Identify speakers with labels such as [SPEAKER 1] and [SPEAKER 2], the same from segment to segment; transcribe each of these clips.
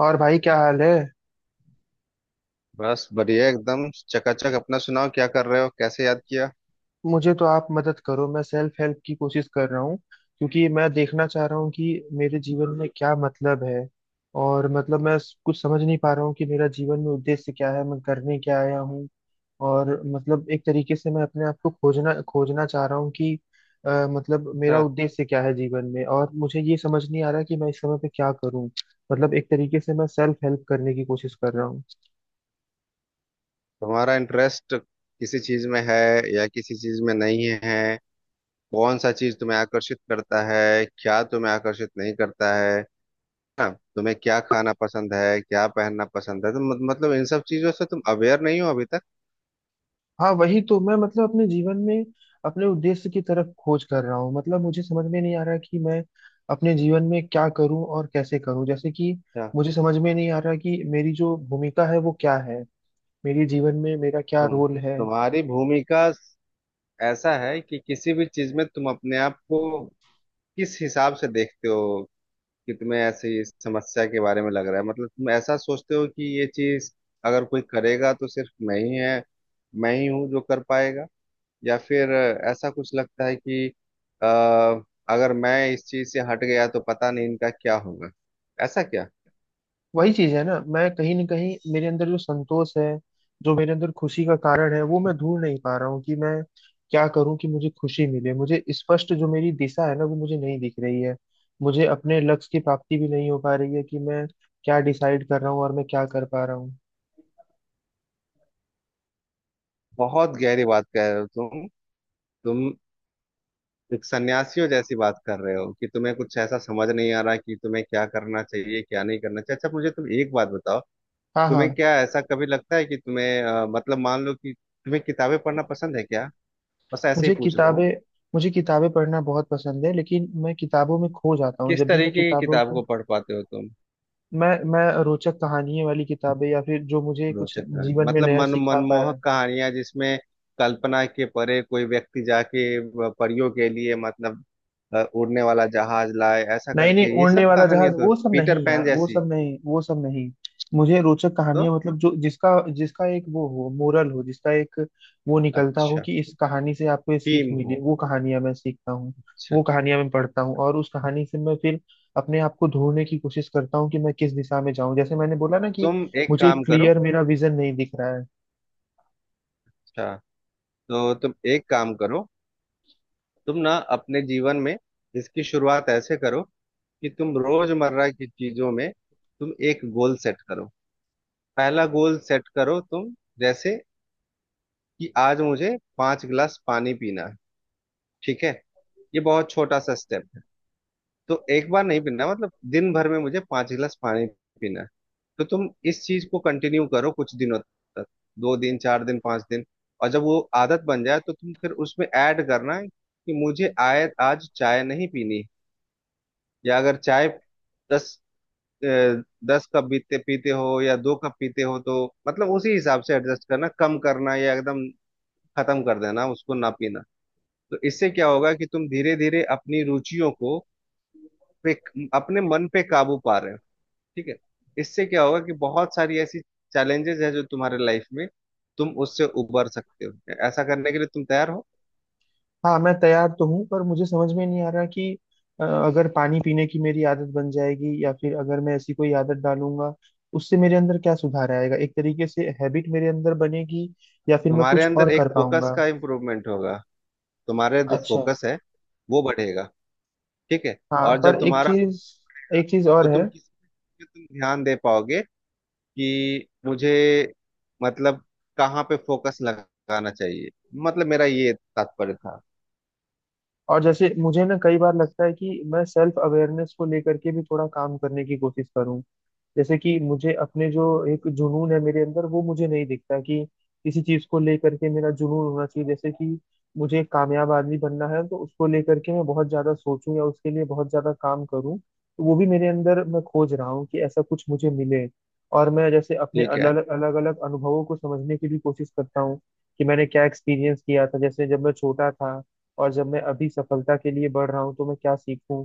[SPEAKER 1] और भाई क्या हाल है?
[SPEAKER 2] बस बढ़िया एकदम चकाचक। अपना सुनाओ, क्या कर रहे हो, कैसे याद किया?
[SPEAKER 1] मुझे तो आप मदद करो। मैं सेल्फ हेल्प की कोशिश कर रहा हूँ क्योंकि मैं देखना चाह रहा हूँ कि मेरे जीवन में क्या मतलब है। और मतलब मैं कुछ समझ नहीं पा रहा हूँ कि मेरा जीवन में उद्देश्य क्या है, मैं करने क्या आया हूँ। और मतलब एक तरीके से मैं अपने आप को खोजना खोजना चाह रहा हूँ कि मतलब मेरा
[SPEAKER 2] अच्छा,
[SPEAKER 1] उद्देश्य क्या है जीवन में। और मुझे ये समझ नहीं आ रहा कि मैं इस समय पे क्या करूँ। मतलब एक तरीके से मैं सेल्फ हेल्प करने की कोशिश कर रहा हूँ।
[SPEAKER 2] तुम्हारा इंटरेस्ट किसी चीज में है या किसी चीज में नहीं है? कौन सा चीज तुम्हें आकर्षित करता है, क्या तुम्हें आकर्षित नहीं करता है? हाँ, तुम्हें क्या खाना पसंद है, क्या पहनना पसंद है? तो मत, मतलब इन सब चीजों से तुम अवेयर नहीं हो अभी तक?
[SPEAKER 1] हाँ, वही तो मैं मतलब अपने जीवन में अपने उद्देश्य की तरफ खोज कर रहा हूँ। मतलब मुझे समझ में नहीं आ रहा कि मैं अपने जीवन में क्या करूँ और कैसे करूँ। जैसे कि
[SPEAKER 2] अच्छा।
[SPEAKER 1] मुझे समझ में नहीं आ रहा कि मेरी जो भूमिका है वो क्या है, मेरे जीवन में मेरा क्या
[SPEAKER 2] तुम
[SPEAKER 1] रोल है।
[SPEAKER 2] तुम्हारी भूमिका, ऐसा है कि किसी भी चीज में तुम अपने आप को किस हिसाब से देखते हो? कि तुम्हें ऐसे ही इस समस्या के बारे में लग रहा है? मतलब तुम ऐसा सोचते हो कि ये चीज अगर कोई करेगा तो सिर्फ मैं ही है, मैं ही हूँ जो कर पाएगा? या फिर ऐसा कुछ लगता है कि अ, अगर मैं इस चीज से हट गया तो पता नहीं इनका क्या होगा, ऐसा क्या?
[SPEAKER 1] वही चीज है ना, मैं कहीं ना कहीं मेरे अंदर जो संतोष है, जो मेरे अंदर खुशी का कारण है वो मैं ढूंढ नहीं पा रहा हूँ कि मैं क्या करूँ कि मुझे खुशी मिले। मुझे स्पष्ट जो मेरी दिशा है ना वो मुझे नहीं दिख रही है। मुझे अपने लक्ष्य की प्राप्ति भी नहीं हो पा रही है कि मैं क्या डिसाइड कर रहा हूँ और मैं क्या कर पा रहा हूँ।
[SPEAKER 2] बहुत गहरी बात कह रहे हो तुम। तुम एक सन्यासियों जैसी बात कर रहे हो कि तुम्हें कुछ ऐसा समझ नहीं आ रहा कि तुम्हें क्या करना चाहिए, क्या नहीं करना चाहिए। अच्छा, मुझे तुम एक बात बताओ,
[SPEAKER 1] हाँ
[SPEAKER 2] तुम्हें
[SPEAKER 1] हाँ।
[SPEAKER 2] क्या ऐसा कभी लगता है कि तुम्हें मतलब मान लो कि तुम्हें किताबें पढ़ना पसंद है क्या? बस ऐसे ही
[SPEAKER 1] मुझे
[SPEAKER 2] पूछ रहा हूँ।
[SPEAKER 1] किताबें मुझे किताबें पढ़ना बहुत पसंद है, लेकिन मैं किताबों में खो जाता हूँ
[SPEAKER 2] किस
[SPEAKER 1] जब भी मैं
[SPEAKER 2] तरीके की
[SPEAKER 1] किताबों
[SPEAKER 2] किताब
[SPEAKER 1] को।
[SPEAKER 2] को पढ़ पाते हो तुम?
[SPEAKER 1] मैं रोचक कहानियां वाली किताबें या फिर जो मुझे कुछ
[SPEAKER 2] रोचक कहानी
[SPEAKER 1] जीवन में
[SPEAKER 2] मतलब
[SPEAKER 1] नया
[SPEAKER 2] मन
[SPEAKER 1] सिखा पाया।
[SPEAKER 2] मनमोहक कहानियां, जिसमें कल्पना के परे कोई व्यक्ति जाके परियों के लिए, मतलब उड़ने वाला जहाज लाए, ऐसा
[SPEAKER 1] नहीं नहीं,
[SPEAKER 2] करके ये
[SPEAKER 1] उड़ने
[SPEAKER 2] सब
[SPEAKER 1] वाला जहाज
[SPEAKER 2] कहानियां, तो
[SPEAKER 1] वो सब
[SPEAKER 2] पीटर
[SPEAKER 1] नहीं
[SPEAKER 2] पैन
[SPEAKER 1] यार, वो
[SPEAKER 2] जैसी?
[SPEAKER 1] सब नहीं, वो सब नहीं। मुझे रोचक
[SPEAKER 2] तो
[SPEAKER 1] कहानियां मतलब जो जिसका जिसका एक वो हो, मोरल हो, जिसका एक वो निकलता हो
[SPEAKER 2] अच्छा,
[SPEAKER 1] कि इस कहानी से आपको ये सीख
[SPEAKER 2] टीम
[SPEAKER 1] मिली,
[SPEAKER 2] हो।
[SPEAKER 1] वो कहानियां मैं सीखता हूँ।
[SPEAKER 2] अच्छा,
[SPEAKER 1] वो कहानियां मैं पढ़ता हूँ और उस कहानी से मैं फिर अपने आप को ढूंढने की कोशिश करता हूँ कि मैं किस दिशा में जाऊं। जैसे मैंने बोला ना कि
[SPEAKER 2] तुम एक
[SPEAKER 1] मुझे
[SPEAKER 2] काम करो।
[SPEAKER 1] क्लियर मेरा विजन नहीं दिख रहा है।
[SPEAKER 2] अच्छा, तो तुम एक काम करो। तुम ना अपने जीवन में इसकी शुरुआत ऐसे करो कि तुम रोजमर्रा की चीजों में तुम एक गोल सेट करो। पहला गोल सेट करो तुम, जैसे कि आज मुझे 5 गिलास पानी पीना है। ठीक है, ये बहुत छोटा सा स्टेप है। तो एक बार नहीं पीना, मतलब दिन भर में मुझे 5 गिलास पानी पीना है। तो तुम इस चीज को कंटिन्यू करो कुछ दिनों तक, 2 दिन, 4 दिन, 5 दिन। और जब वो आदत बन जाए तो तुम फिर उसमें ऐड करना है कि मुझे आय आज चाय नहीं पीनी। या अगर चाय 10, अ, 10 कप पीते पीते हो या 2 कप पीते हो तो मतलब उसी हिसाब से एडजस्ट करना, कम करना या एकदम खत्म कर देना, उसको ना पीना। तो इससे क्या होगा कि तुम धीरे धीरे अपनी रुचियों को पे, अपने मन पे काबू पा रहे हो। ठीक है? इससे क्या होगा कि बहुत सारी ऐसी चैलेंजेस है जो तुम्हारे लाइफ में, तुम उससे उबर सकते हो। ऐसा करने के लिए तुम तैयार हो?
[SPEAKER 1] हाँ, मैं तैयार तो हूँ पर मुझे समझ में नहीं आ रहा कि अगर पानी पीने की मेरी आदत बन जाएगी या फिर अगर मैं ऐसी कोई आदत डालूंगा, उससे मेरे अंदर क्या सुधार आएगा? एक तरीके से हैबिट मेरे अंदर बनेगी या फिर मैं
[SPEAKER 2] तुम्हारे
[SPEAKER 1] कुछ और
[SPEAKER 2] अंदर एक
[SPEAKER 1] कर
[SPEAKER 2] फोकस
[SPEAKER 1] पाऊंगा?
[SPEAKER 2] का इम्प्रूवमेंट होगा। तुम्हारे जो
[SPEAKER 1] अच्छा।
[SPEAKER 2] फोकस है वो बढ़ेगा। ठीक है।
[SPEAKER 1] हाँ,
[SPEAKER 2] और जब
[SPEAKER 1] पर एक
[SPEAKER 2] तुम्हारा,
[SPEAKER 1] चीज, एक चीज और
[SPEAKER 2] तो
[SPEAKER 1] है।
[SPEAKER 2] तुम किस पे तुम ध्यान दे पाओगे कि मुझे, मतलब कहाँ पे फोकस लगाना चाहिए, मतलब मेरा ये तात्पर्य था।
[SPEAKER 1] और जैसे मुझे ना कई बार लगता है कि मैं सेल्फ अवेयरनेस को लेकर के भी थोड़ा काम करने की कोशिश करूँ। जैसे कि मुझे अपने जो एक जुनून है मेरे अंदर वो मुझे नहीं दिखता कि किसी चीज को लेकर के मेरा जुनून होना चाहिए। जैसे कि मुझे एक कामयाब आदमी बनना है तो उसको लेकर के मैं बहुत ज्यादा सोचूं या उसके लिए बहुत ज्यादा काम करूं, तो वो भी मेरे अंदर मैं खोज रहा हूँ कि ऐसा कुछ मुझे मिले। और मैं जैसे अपने
[SPEAKER 2] ठीक है,
[SPEAKER 1] अलग अलग अलग अनुभवों को समझने की भी कोशिश करता हूँ कि मैंने क्या एक्सपीरियंस किया था जैसे जब मैं छोटा था, और जब मैं अभी सफलता के लिए बढ़ रहा हूँ तो मैं क्या सीखूं।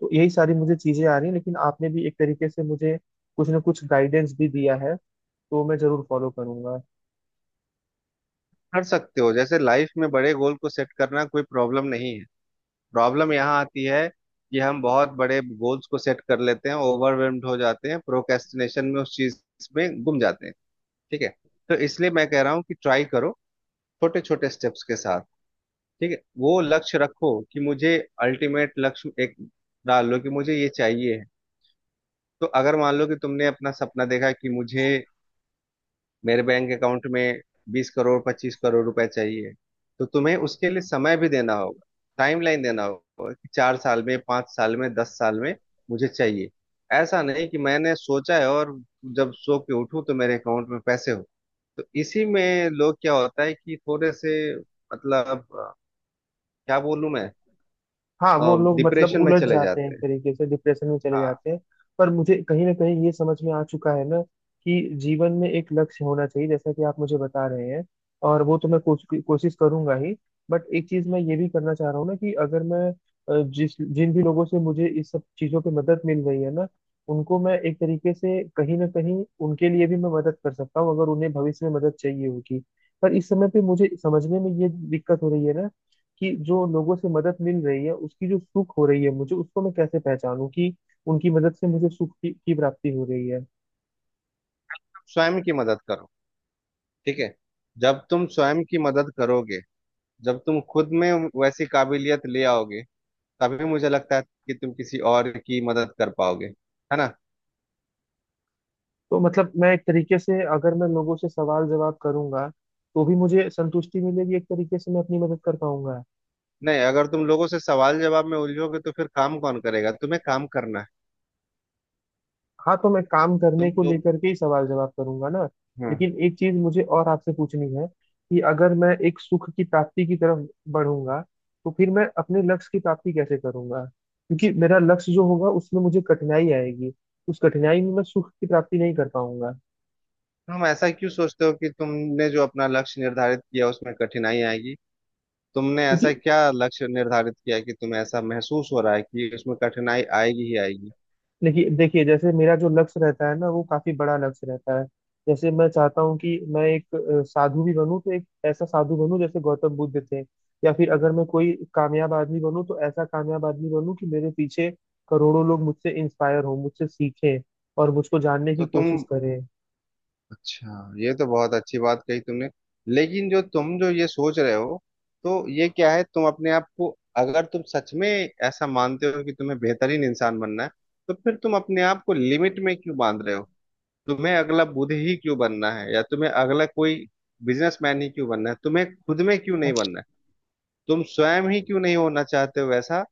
[SPEAKER 1] तो यही सारी मुझे चीजें आ रही हैं, लेकिन आपने भी एक तरीके से मुझे कुछ ना कुछ गाइडेंस भी दिया है, तो मैं जरूर फॉलो करूंगा।
[SPEAKER 2] कर सकते हो। जैसे लाइफ में बड़े गोल को सेट करना कोई प्रॉब्लम नहीं है। प्रॉब्लम यहाँ आती है कि हम बहुत बड़े गोल्स को सेट कर लेते हैं, ओवरवेल्म्ड हो जाते हैं, प्रोक्रेस्टिनेशन में उस चीज में गुम जाते हैं। ठीक है? तो इसलिए मैं कह रहा हूँ कि ट्राई करो छोटे छोटे स्टेप्स के साथ। ठीक है, वो लक्ष्य रखो कि मुझे अल्टीमेट लक्ष्य एक डाल लो कि मुझे ये चाहिए है। तो अगर मान लो कि तुमने अपना सपना देखा कि मुझे मेरे बैंक अकाउंट में 20 करोड़, 25 करोड़ रुपए चाहिए, तो तुम्हें उसके लिए समय भी देना होगा, टाइमलाइन देना होगा कि 4 साल में, 5 साल में, 10 साल में मुझे चाहिए। ऐसा नहीं कि मैंने सोचा है और जब सो के उठूं तो मेरे अकाउंट में पैसे हो। तो इसी में लोग क्या होता है कि थोड़े से, मतलब क्या बोलूं मैं?
[SPEAKER 1] हाँ, वो लोग मतलब
[SPEAKER 2] डिप्रेशन में
[SPEAKER 1] उलझ
[SPEAKER 2] चले
[SPEAKER 1] जाते हैं,
[SPEAKER 2] जाते
[SPEAKER 1] एक
[SPEAKER 2] हैं,
[SPEAKER 1] तरीके से डिप्रेशन में चले
[SPEAKER 2] हाँ।
[SPEAKER 1] जाते हैं। पर मुझे कहीं ना कहीं ये समझ में आ चुका है ना कि जीवन में एक लक्ष्य होना चाहिए, जैसा कि आप मुझे बता रहे हैं। और वो तो मैं कोशिश करूंगा ही। बट एक चीज मैं ये भी करना चाह रहा हूँ ना कि अगर मैं जिस जिन भी लोगों से मुझे इस सब चीजों पे मदद मिल रही है ना, उनको मैं एक तरीके से कहीं ना कहीं उनके लिए भी मैं मदद कर सकता हूँ अगर उन्हें भविष्य में मदद चाहिए होगी। पर इस समय पे मुझे समझने में ये दिक्कत हो रही है ना कि जो लोगों से मदद मिल रही है उसकी जो सुख हो रही है मुझे, उसको मैं कैसे पहचानूं कि उनकी मदद से मुझे सुख की प्राप्ति हो रही है।
[SPEAKER 2] स्वयं की मदद करो। ठीक है, जब तुम स्वयं की मदद करोगे, जब तुम खुद में वैसी काबिलियत ले आओगे, तभी मुझे लगता है कि तुम किसी और की मदद कर पाओगे। है ना?
[SPEAKER 1] तो मतलब मैं एक तरीके से अगर मैं लोगों से सवाल जवाब करूंगा तो भी मुझे संतुष्टि मिलेगी, एक तरीके से मैं अपनी मदद कर पाऊंगा।
[SPEAKER 2] नहीं, अगर तुम लोगों से सवाल जवाब में उलझोगे तो फिर काम कौन करेगा, तुम्हें काम करना है।
[SPEAKER 1] हाँ, तो मैं काम करने
[SPEAKER 2] तुम
[SPEAKER 1] को
[SPEAKER 2] लोग,
[SPEAKER 1] लेकर के ही सवाल जवाब करूंगा ना।
[SPEAKER 2] हम्म।
[SPEAKER 1] लेकिन एक चीज मुझे और आपसे पूछनी है कि अगर मैं एक सुख की प्राप्ति की तरफ बढ़ूंगा तो फिर मैं अपने लक्ष्य की प्राप्ति कैसे करूंगा? क्योंकि मेरा लक्ष्य जो होगा उसमें मुझे कठिनाई आएगी, उस कठिनाई में मैं सुख की प्राप्ति नहीं कर पाऊंगा।
[SPEAKER 2] तुम ऐसा क्यों सोचते हो कि तुमने जो अपना लक्ष्य निर्धारित किया उसमें कठिनाई आएगी? तुमने
[SPEAKER 1] क्योंकि
[SPEAKER 2] ऐसा क्या लक्ष्य निर्धारित किया कि तुम्हें ऐसा महसूस हो रहा है कि उसमें कठिनाई आएगी ही आएगी?
[SPEAKER 1] देखिए देखिए, जैसे मेरा जो लक्ष्य रहता है ना वो काफी बड़ा लक्ष्य रहता है। जैसे मैं चाहता हूँ कि मैं एक साधु भी बनूं तो एक ऐसा साधु बनूं जैसे गौतम बुद्ध थे। या फिर अगर मैं कोई कामयाब आदमी बनूं तो ऐसा कामयाब आदमी बनूं कि मेरे पीछे करोड़ों लोग मुझसे इंस्पायर हों, मुझसे सीखें, और मुझको जानने की
[SPEAKER 2] तो
[SPEAKER 1] कोशिश
[SPEAKER 2] तुम,
[SPEAKER 1] करें।
[SPEAKER 2] अच्छा, ये तो बहुत अच्छी बात कही तुमने। लेकिन जो तुम जो ये सोच रहे हो, तो ये क्या है? तुम अपने आप को, अगर तुम सच में ऐसा मानते हो कि तुम्हें बेहतरीन इंसान बनना है, तो फिर तुम अपने आप को लिमिट में क्यों बांध रहे हो? तुम्हें अगला बुद्ध ही क्यों बनना है, या तुम्हें अगला कोई बिजनेसमैन ही क्यों बनना है? तुम्हें खुद में क्यों नहीं बनना है? तुम स्वयं ही क्यों नहीं होना चाहते हो, ऐसा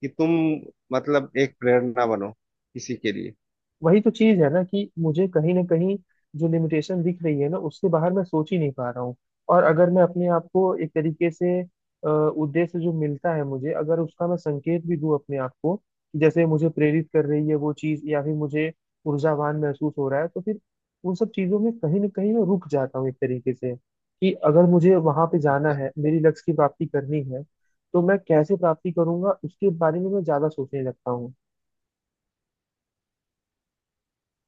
[SPEAKER 2] कि तुम, मतलब एक प्रेरणा बनो किसी के लिए?
[SPEAKER 1] वही तो चीज है ना कि मुझे कहीं ना कहीं जो लिमिटेशन दिख रही है ना, उससे बाहर मैं सोच ही नहीं पा रहा हूँ। और अगर मैं अपने आप को एक तरीके से उद्देश्य जो मिलता है मुझे, अगर उसका मैं संकेत भी दूं अपने आप को कि जैसे मुझे प्रेरित कर रही है वो चीज या फिर मुझे ऊर्जावान महसूस हो रहा है, तो फिर उन सब चीजों में कहीं ना कहीं मैं रुक जाता हूँ एक तरीके से कि अगर मुझे वहां पे जाना है, मेरी लक्ष्य की प्राप्ति करनी है, तो मैं कैसे प्राप्ति करूंगा उसके बारे में मैं ज्यादा सोचने लगता हूँ।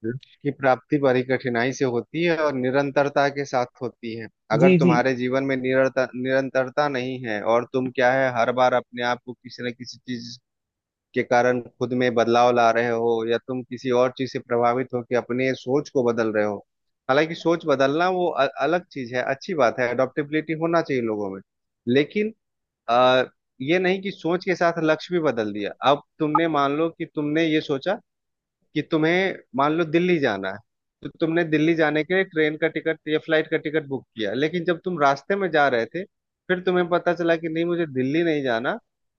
[SPEAKER 2] लक्ष्य की प्राप्ति बड़ी कठिनाई से होती है और निरंतरता के साथ होती है। अगर
[SPEAKER 1] जी जी।
[SPEAKER 2] तुम्हारे जीवन में निरंतरता नहीं है, और तुम क्या है हर बार अपने आप को किसी न किसी चीज के कारण खुद में बदलाव ला रहे हो, या तुम किसी और चीज से प्रभावित हो कि अपने सोच को बदल रहे हो। हालांकि सोच बदलना वो अलग चीज है, अच्छी बात है, अडॉप्टेबिलिटी होना चाहिए लोगों में। लेकिन आ, ये नहीं कि सोच के साथ लक्ष्य भी बदल दिया। अब तुमने मान लो कि तुमने ये सोचा कि तुम्हें, मान लो, दिल्ली जाना है, तो तुमने दिल्ली जाने के लिए ट्रेन का टिकट या फ्लाइट का टिकट बुक किया, लेकिन जब तुम रास्ते में जा रहे थे फिर तुम्हें पता चला कि नहीं, मुझे दिल्ली नहीं जाना,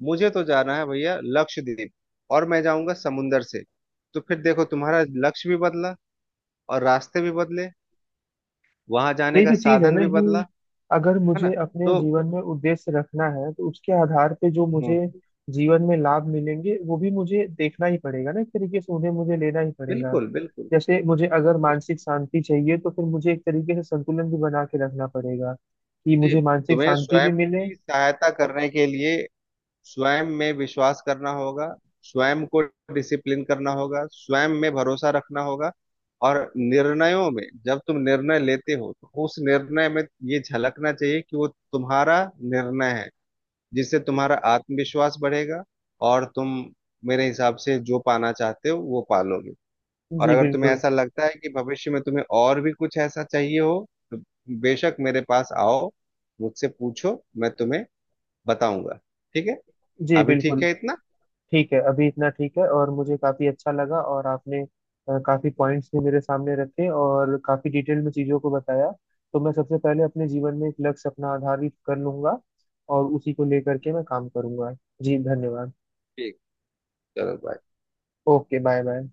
[SPEAKER 2] मुझे तो जाना है भैया लक्षद्वीप, और मैं जाऊंगा समुंदर से। तो फिर देखो तुम्हारा लक्ष्य भी बदला, और रास्ते भी बदले, वहां जाने
[SPEAKER 1] यही
[SPEAKER 2] का
[SPEAKER 1] तो चीज है
[SPEAKER 2] साधन
[SPEAKER 1] ना
[SPEAKER 2] भी बदला।
[SPEAKER 1] कि अगर
[SPEAKER 2] है ना?
[SPEAKER 1] मुझे अपने
[SPEAKER 2] तो
[SPEAKER 1] जीवन में उद्देश्य रखना है तो उसके आधार पे जो मुझे
[SPEAKER 2] हम्म,
[SPEAKER 1] जीवन में लाभ मिलेंगे वो भी मुझे देखना ही पड़ेगा ना, एक तरीके से उन्हें मुझे लेना ही पड़ेगा।
[SPEAKER 2] बिल्कुल बिल्कुल।
[SPEAKER 1] जैसे मुझे अगर
[SPEAKER 2] उस-
[SPEAKER 1] मानसिक शांति चाहिए तो फिर मुझे एक तरीके से संतुलन भी बना के रखना पड़ेगा कि
[SPEAKER 2] जी,
[SPEAKER 1] मुझे मानसिक
[SPEAKER 2] तुम्हें
[SPEAKER 1] शांति भी
[SPEAKER 2] स्वयं
[SPEAKER 1] मिले।
[SPEAKER 2] की सहायता करने के लिए स्वयं में विश्वास करना होगा, स्वयं को डिसिप्लिन करना होगा, स्वयं में भरोसा रखना होगा। और निर्णयों में जब तुम निर्णय लेते हो तो उस निर्णय में ये झलकना चाहिए कि वो तुम्हारा निर्णय है, जिससे तुम्हारा आत्मविश्वास बढ़ेगा, और तुम मेरे हिसाब से जो पाना चाहते हो वो पालोगे। और
[SPEAKER 1] जी
[SPEAKER 2] अगर तुम्हें
[SPEAKER 1] बिल्कुल।
[SPEAKER 2] ऐसा लगता है कि भविष्य में तुम्हें और भी कुछ ऐसा चाहिए हो, तो बेशक मेरे पास आओ, मुझसे पूछो, मैं तुम्हें बताऊंगा। ठीक है,
[SPEAKER 1] जी
[SPEAKER 2] अभी ठीक
[SPEAKER 1] बिल्कुल।
[SPEAKER 2] है इतना।
[SPEAKER 1] ठीक है, अभी इतना ठीक है। और मुझे काफी अच्छा लगा और आपने काफी पॉइंट्स भी मेरे सामने रखे और काफी डिटेल में चीजों को बताया। तो मैं सबसे पहले अपने जीवन में एक लक्ष्य अपना आधारित कर लूंगा, और उसी को लेकर के मैं काम करूंगा। जी धन्यवाद।
[SPEAKER 2] ठीक, चलो बाय।
[SPEAKER 1] Okay, bye bye.